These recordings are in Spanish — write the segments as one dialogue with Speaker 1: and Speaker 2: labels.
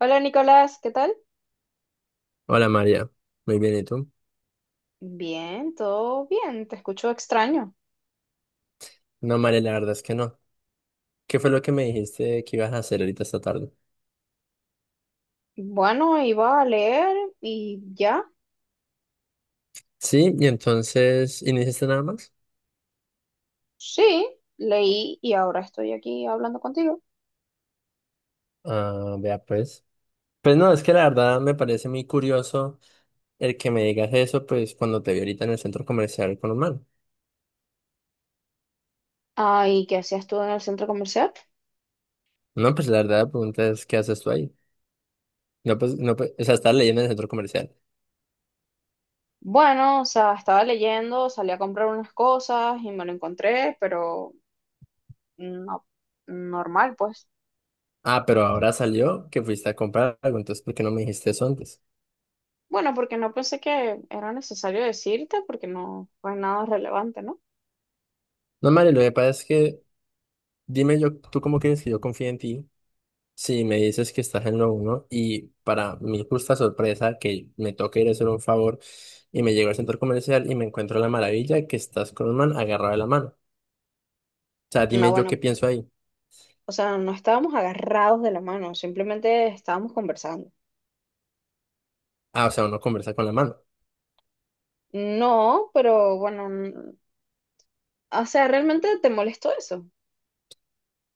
Speaker 1: Hola Nicolás, ¿qué tal?
Speaker 2: Hola María, muy bien, ¿y tú?
Speaker 1: Bien, todo bien, te escucho extraño.
Speaker 2: No, María, la verdad es que no. ¿Qué fue lo que me dijiste que ibas a hacer ahorita esta tarde?
Speaker 1: Bueno, iba a leer y ya.
Speaker 2: Sí, y entonces, ¿y no hiciste nada más?
Speaker 1: Sí, leí y ahora estoy aquí hablando contigo.
Speaker 2: Ah, vea pues. Pues no, es que la verdad me parece muy curioso el que me digas eso, pues cuando te vi ahorita en el centro comercial con un man.
Speaker 1: Ah, ¿y qué hacías tú en el centro comercial?
Speaker 2: No, pues la verdad la pregunta es, ¿qué haces tú ahí? No, pues, no, pues, o sea, estás leyendo en el centro comercial.
Speaker 1: Bueno, o sea, estaba leyendo, salí a comprar unas cosas y me lo encontré, pero no, normal, pues.
Speaker 2: Ah, pero ahora salió que fuiste a comprar algo, entonces, ¿por qué no me dijiste eso antes?
Speaker 1: Bueno, porque no pensé que era necesario decirte, porque no fue nada relevante, ¿no?
Speaker 2: No, María, lo que pasa es que, dime yo, ¿tú cómo quieres que yo confíe en ti? Sí, me dices que estás en lo uno y para mi justa sorpresa que me toca ir a hacer un favor y me llego al centro comercial y me encuentro la maravilla que estás con un man agarrado de la mano. O sea,
Speaker 1: No,
Speaker 2: dime yo qué
Speaker 1: bueno,
Speaker 2: pienso ahí.
Speaker 1: o sea, no estábamos agarrados de la mano, simplemente estábamos conversando.
Speaker 2: Ah, o sea, uno conversa con la mano.
Speaker 1: No, pero o sea, ¿realmente te molestó eso?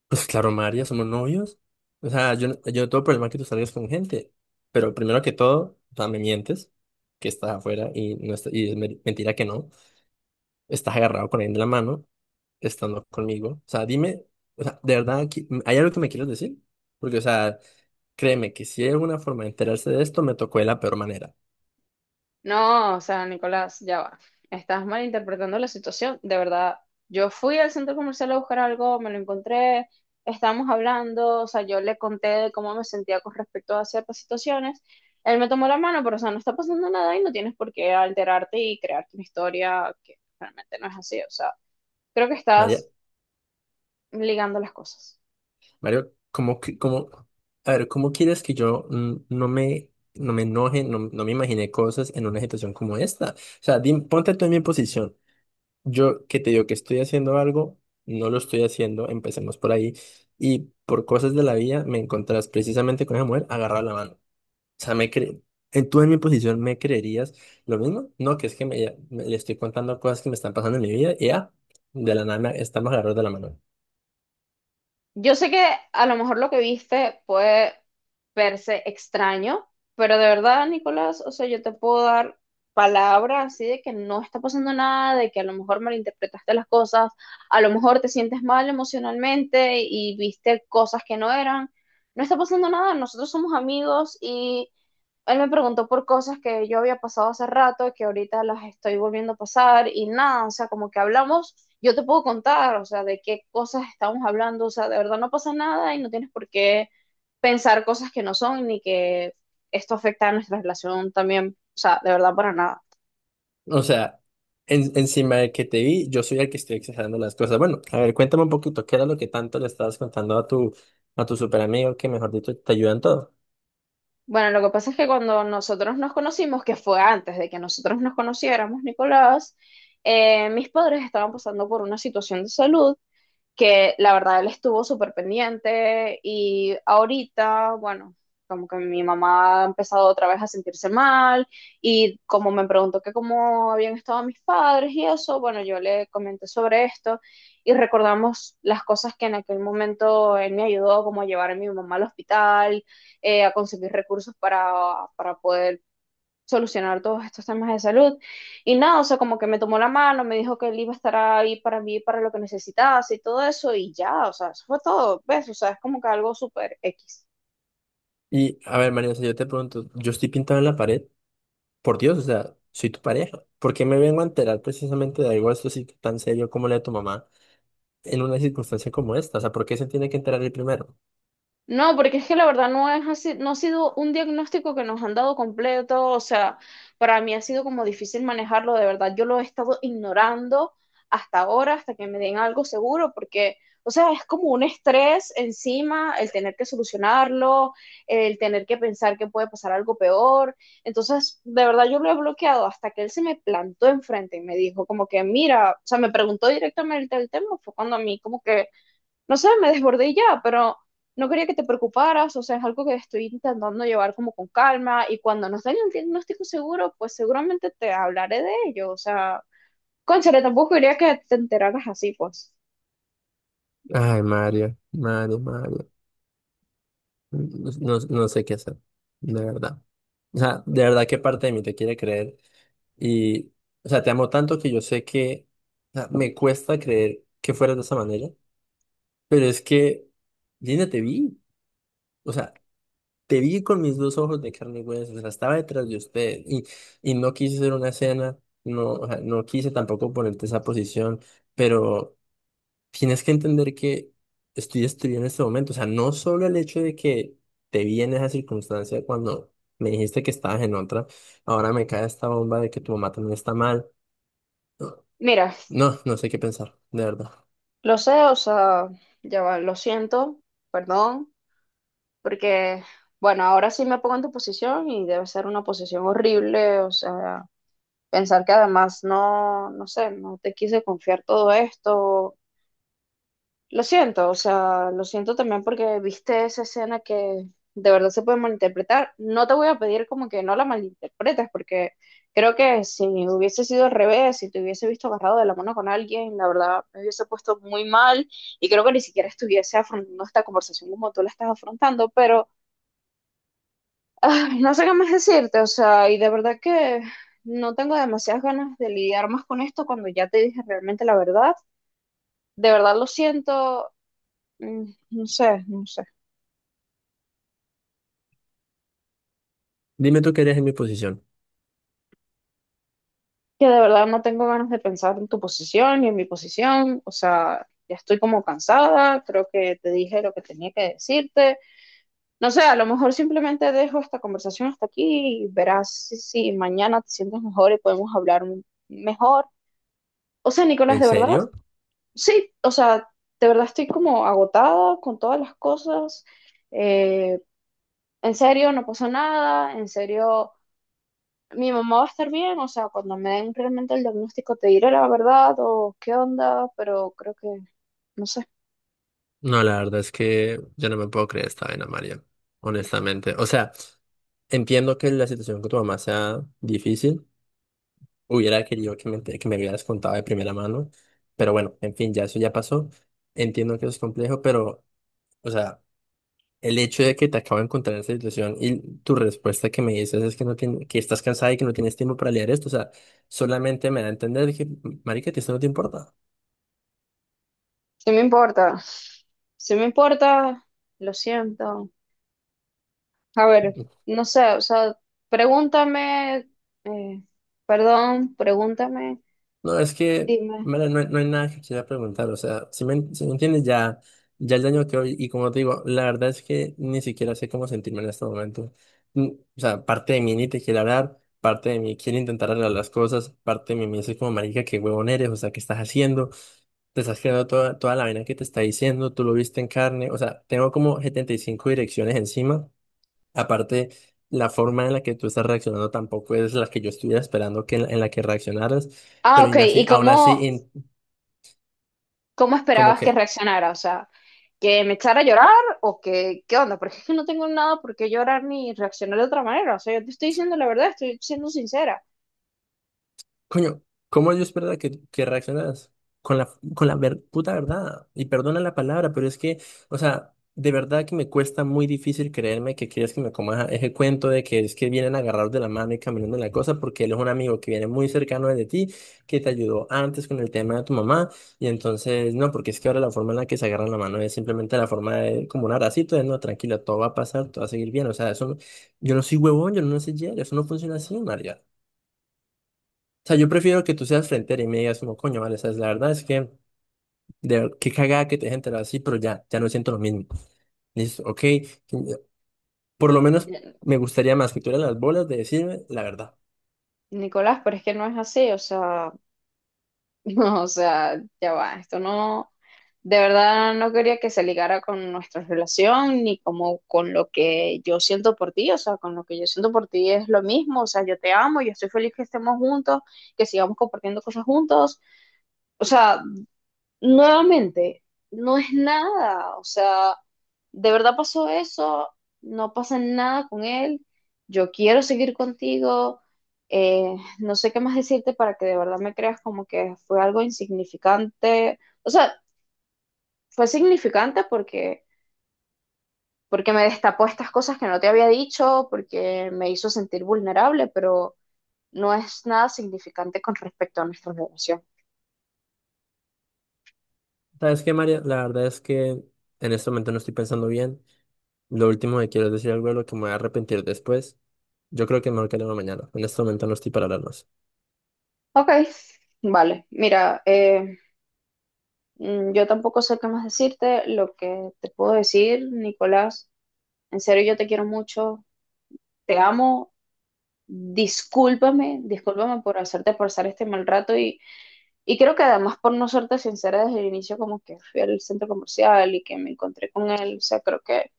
Speaker 2: Pues claro, María, somos novios. O sea, yo no tengo problema que tú salgas con gente, pero primero que todo, o sea, me mientes que estás afuera y, no está- y mentira que no. Estás agarrado con alguien de la mano, estando conmigo. O sea, dime, o sea, de verdad, ¿hay algo que me quieres decir? Porque, o sea, créeme que si hay alguna forma de enterarse de esto, me tocó de la peor manera.
Speaker 1: No, o sea, Nicolás, ya va. Estás malinterpretando la situación. De verdad, yo fui al centro comercial a buscar algo, me lo encontré, estábamos hablando, o sea, yo le conté de cómo me sentía con respecto a ciertas situaciones. Él me tomó la mano, pero o sea, no está pasando nada y no tienes por qué alterarte y crearte una historia que realmente no es así. O sea, creo que
Speaker 2: María,
Speaker 1: estás ligando las cosas.
Speaker 2: Mario, a ver, ¿cómo quieres que yo no me enoje, no, no me imagine cosas en una situación como esta? O sea, ponte tú en mi posición. Yo que te digo que estoy haciendo algo, no lo estoy haciendo, empecemos por ahí. Y por cosas de la vida me encontrás precisamente con esa mujer agarrada la mano. Sea, ¿tú en mi posición me creerías lo mismo? No, que es que le estoy contando cosas que me están pasando en mi vida y ya, de la nada estamos agarrados de la mano.
Speaker 1: Yo sé que a lo mejor lo que viste puede verse extraño, pero de verdad, Nicolás, o sea, yo te puedo dar palabras así de que no está pasando nada, de que a lo mejor malinterpretaste las cosas, a lo mejor te sientes mal emocionalmente y viste cosas que no eran. No está pasando nada, nosotros somos amigos. Él me preguntó por cosas que yo había pasado hace rato y que ahorita las estoy volviendo a pasar y nada, o sea, como que hablamos, yo te puedo contar, o sea, de qué cosas estamos hablando, o sea, de verdad no pasa nada y no tienes por qué pensar cosas que no son ni que esto afecta a nuestra relación también, o sea, de verdad para nada.
Speaker 2: O sea, encima de que te vi, yo soy el que estoy exagerando las cosas. Bueno, a ver, cuéntame un poquito, ¿qué era lo que tanto le estabas contando a tu super amigo que, mejor dicho, te ayuda en todo?
Speaker 1: Bueno, lo que pasa es que cuando nosotros nos conocimos, que fue antes de que nosotros nos conociéramos, Nicolás, mis padres estaban pasando por una situación de salud que la verdad él estuvo súper pendiente y ahorita, bueno, como que mi mamá ha empezado otra vez a sentirse mal y como me preguntó que cómo habían estado mis padres y eso, bueno, yo le comenté sobre esto y recordamos las cosas que en aquel momento él me ayudó, como a llevar a mi mamá al hospital, a conseguir recursos para poder solucionar todos estos temas de salud. Y nada, o sea, como que me tomó la mano, me dijo que él iba a estar ahí para mí, para lo que necesitase y todo eso, y ya, o sea, eso fue todo, ¿ves? O sea, es como que algo súper X.
Speaker 2: Y, a ver, María, o sea, yo te pregunto, yo estoy pintado en la pared, por Dios, o sea, soy tu pareja. ¿Por qué me vengo a enterar precisamente de algo esto así tan serio como la de tu mamá en una circunstancia como esta? O sea, ¿por qué se tiene que enterar el primero?
Speaker 1: No, porque es que la verdad no es así, no ha sido un diagnóstico que nos han dado completo, o sea, para mí ha sido como difícil manejarlo, de verdad, yo lo he estado ignorando hasta ahora, hasta que me den algo seguro, porque, o sea, es como un estrés encima el tener que solucionarlo, el tener que pensar que puede pasar algo peor, entonces, de verdad, yo lo he bloqueado hasta que él se me plantó enfrente y me dijo como que, mira, o sea, me preguntó directamente el tema, fue cuando a mí como que no sé, me desbordé y ya, pero no quería que te preocuparas, o sea, es algo que estoy intentando llevar como con calma y cuando nos den un diagnóstico seguro, pues seguramente te hablaré de ello, o sea, cónchale, tampoco quería que te enteraras así, pues.
Speaker 2: Ay, Mario, Mario, Mario. No, no sé qué hacer, de verdad. O sea, de verdad qué parte de mí te quiere creer. Y, o sea, te amo tanto que yo sé que, o sea, me cuesta creer que fueras de esa manera. Pero es que, Linda, te vi. O sea, te vi con mis dos ojos de carne y hueso. O sea, estaba detrás de usted y no quise hacer una escena. No, o sea, no quise tampoco ponerte esa posición, pero. Tienes que entender que estoy estudiando en este momento. O sea, no solo el hecho de que te vi en esa circunstancia cuando me dijiste que estabas en otra, ahora me cae esta bomba de que tu mamá también está mal. No,
Speaker 1: Mira,
Speaker 2: no, no sé qué pensar, de verdad.
Speaker 1: lo sé, o sea, ya va, lo siento, perdón, porque, bueno, ahora sí me pongo en tu posición y debe ser una posición horrible, o sea, pensar que además no sé, no te quise confiar todo esto. Lo siento, o sea, lo siento también porque viste esa escena que de verdad se puede malinterpretar. No te voy a pedir como que no la malinterpretes, porque creo que si hubiese sido al revés, si te hubiese visto agarrado de la mano con alguien, la verdad me hubiese puesto muy mal y creo que ni siquiera estuviese afrontando esta conversación como tú la estás afrontando, pero ay, no sé qué más decirte, o sea, y de verdad que no tengo demasiadas ganas de lidiar más con esto cuando ya te dije realmente la verdad. De verdad lo siento, mm, no sé, no sé.
Speaker 2: Dime tú qué harías en mi posición.
Speaker 1: Que de verdad no tengo ganas de pensar en tu posición y en mi posición, o sea, ya estoy como cansada, creo que te dije lo que tenía que decirte, no sé, a lo mejor simplemente dejo esta conversación hasta aquí y verás si, si mañana te sientes mejor y podemos mejor. O sea, Nicolás,
Speaker 2: ¿En
Speaker 1: de verdad,
Speaker 2: serio?
Speaker 1: sí, o sea, de verdad estoy como agotada con todas las cosas, eh, en serio, no pasó nada, en serio mi mamá va a estar bien, o sea, cuando me den realmente el diagnóstico te diré la verdad o qué onda, pero creo que, no sé,
Speaker 2: No, la verdad es que yo no me puedo creer esta vaina, María. Honestamente. O sea, entiendo que la situación con tu mamá sea difícil. Hubiera querido que que me hubieras contado de primera mano, pero bueno, en fin, ya eso ya pasó. Entiendo que es complejo, pero, o sea, el hecho de que te acabo de encontrar en esta situación y tu respuesta que me dices es que no tien- que estás cansada y que no tienes tiempo para leer esto, o sea, solamente me da a entender que, marica, que esto no te importa.
Speaker 1: sí me importa, sí me importa, lo siento. A ver, no sé, o sea, pregúntame, eh, perdón, pregúntame,
Speaker 2: No, es que,
Speaker 1: dime.
Speaker 2: mira, no, no hay nada que quiera preguntar, o sea, si me entiendes, ya, ya el daño que hoy, y como te digo, la verdad es que ni siquiera sé cómo sentirme en este momento. O sea, parte de mí ni te quiere hablar, parte de mí quiere intentar arreglar las cosas, parte de mí me dice como, marica, qué huevón eres, o sea, ¿qué estás haciendo? Te estás creando toda, toda la vaina que te está diciendo, tú lo viste en carne, o sea, tengo como 75 direcciones encima. Aparte, la forma en la que tú estás reaccionando tampoco es la que yo estuviera esperando que en la que reaccionaras,
Speaker 1: Ah,
Speaker 2: pero
Speaker 1: ok,
Speaker 2: aún así
Speaker 1: ¿cómo
Speaker 2: como
Speaker 1: esperabas que
Speaker 2: que.
Speaker 1: reaccionara? O sea, ¿que me echara a llorar o que, qué onda? Porque es que no tengo nada por qué llorar ni reaccionar de otra manera, o sea, yo te estoy diciendo la verdad, estoy siendo sincera.
Speaker 2: Coño, ¿cómo yo es verdad que reaccionas con la, con la puta verdad? Y perdona la palabra, pero es que, o sea, de verdad que me cuesta muy difícil creerme que quieres que me coma ese cuento de que es que vienen agarrados de la mano y caminando en la cosa, porque él es un amigo que viene muy cercano de ti, que te ayudó antes con el tema de tu mamá, y entonces, no, porque es que ahora la forma en la que se agarran la mano es simplemente la forma de, como un abracito, de no, tranquila, todo va a pasar, todo va a seguir bien, o sea, eso no- yo no soy huevón, yo no soy ya, eso no funciona así, María. O sea, yo prefiero que tú seas frente y me digas como, coño, vale, sabes, la verdad es que, qué cagada que te dejes enterado así, pero ya, ya no siento lo mismo. Y dices ok. Por lo menos me gustaría más que tuvieras las bolas de decirme la verdad.
Speaker 1: Nicolás, pero es que no es así, o sea, no, o sea, ya va, esto no, de verdad no quería que se ligara con nuestra relación ni como con lo que yo siento por ti, o sea, con lo que yo siento por ti es lo mismo, o sea, yo te amo, yo estoy feliz que estemos juntos, que sigamos compartiendo cosas juntos, o sea, nuevamente, no es nada, o sea, de verdad pasó eso, no pasa nada con él, yo quiero seguir contigo, no sé qué más decirte para que de verdad me creas como que fue algo insignificante, o sea, fue significante porque me destapó estas cosas que no te había dicho, porque me hizo sentir vulnerable, pero no es nada significante con respecto a nuestra relación.
Speaker 2: ¿Sabes qué, María? La verdad es que en este momento no estoy pensando bien. Lo último que quiero es decir algo de lo que me voy a arrepentir después. Yo creo que mejor que hablemos mañana. En este momento no estoy para hablar más.
Speaker 1: Ok, vale, mira, yo tampoco sé qué más decirte. Lo que te puedo decir, Nicolás, en serio yo te quiero mucho, te amo. Discúlpame, discúlpame por hacerte pasar este mal rato, y creo que además por no serte sincera desde el inicio, como que fui al centro comercial y que me encontré con él, o sea, creo que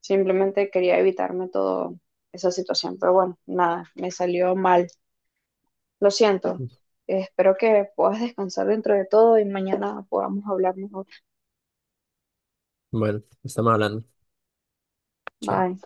Speaker 1: simplemente quería evitarme toda esa situación, pero bueno, nada, me salió mal. Lo siento, espero que puedas descansar dentro de todo y mañana podamos hablar mejor.
Speaker 2: Bueno, estamos hablando. Chao.
Speaker 1: Bye.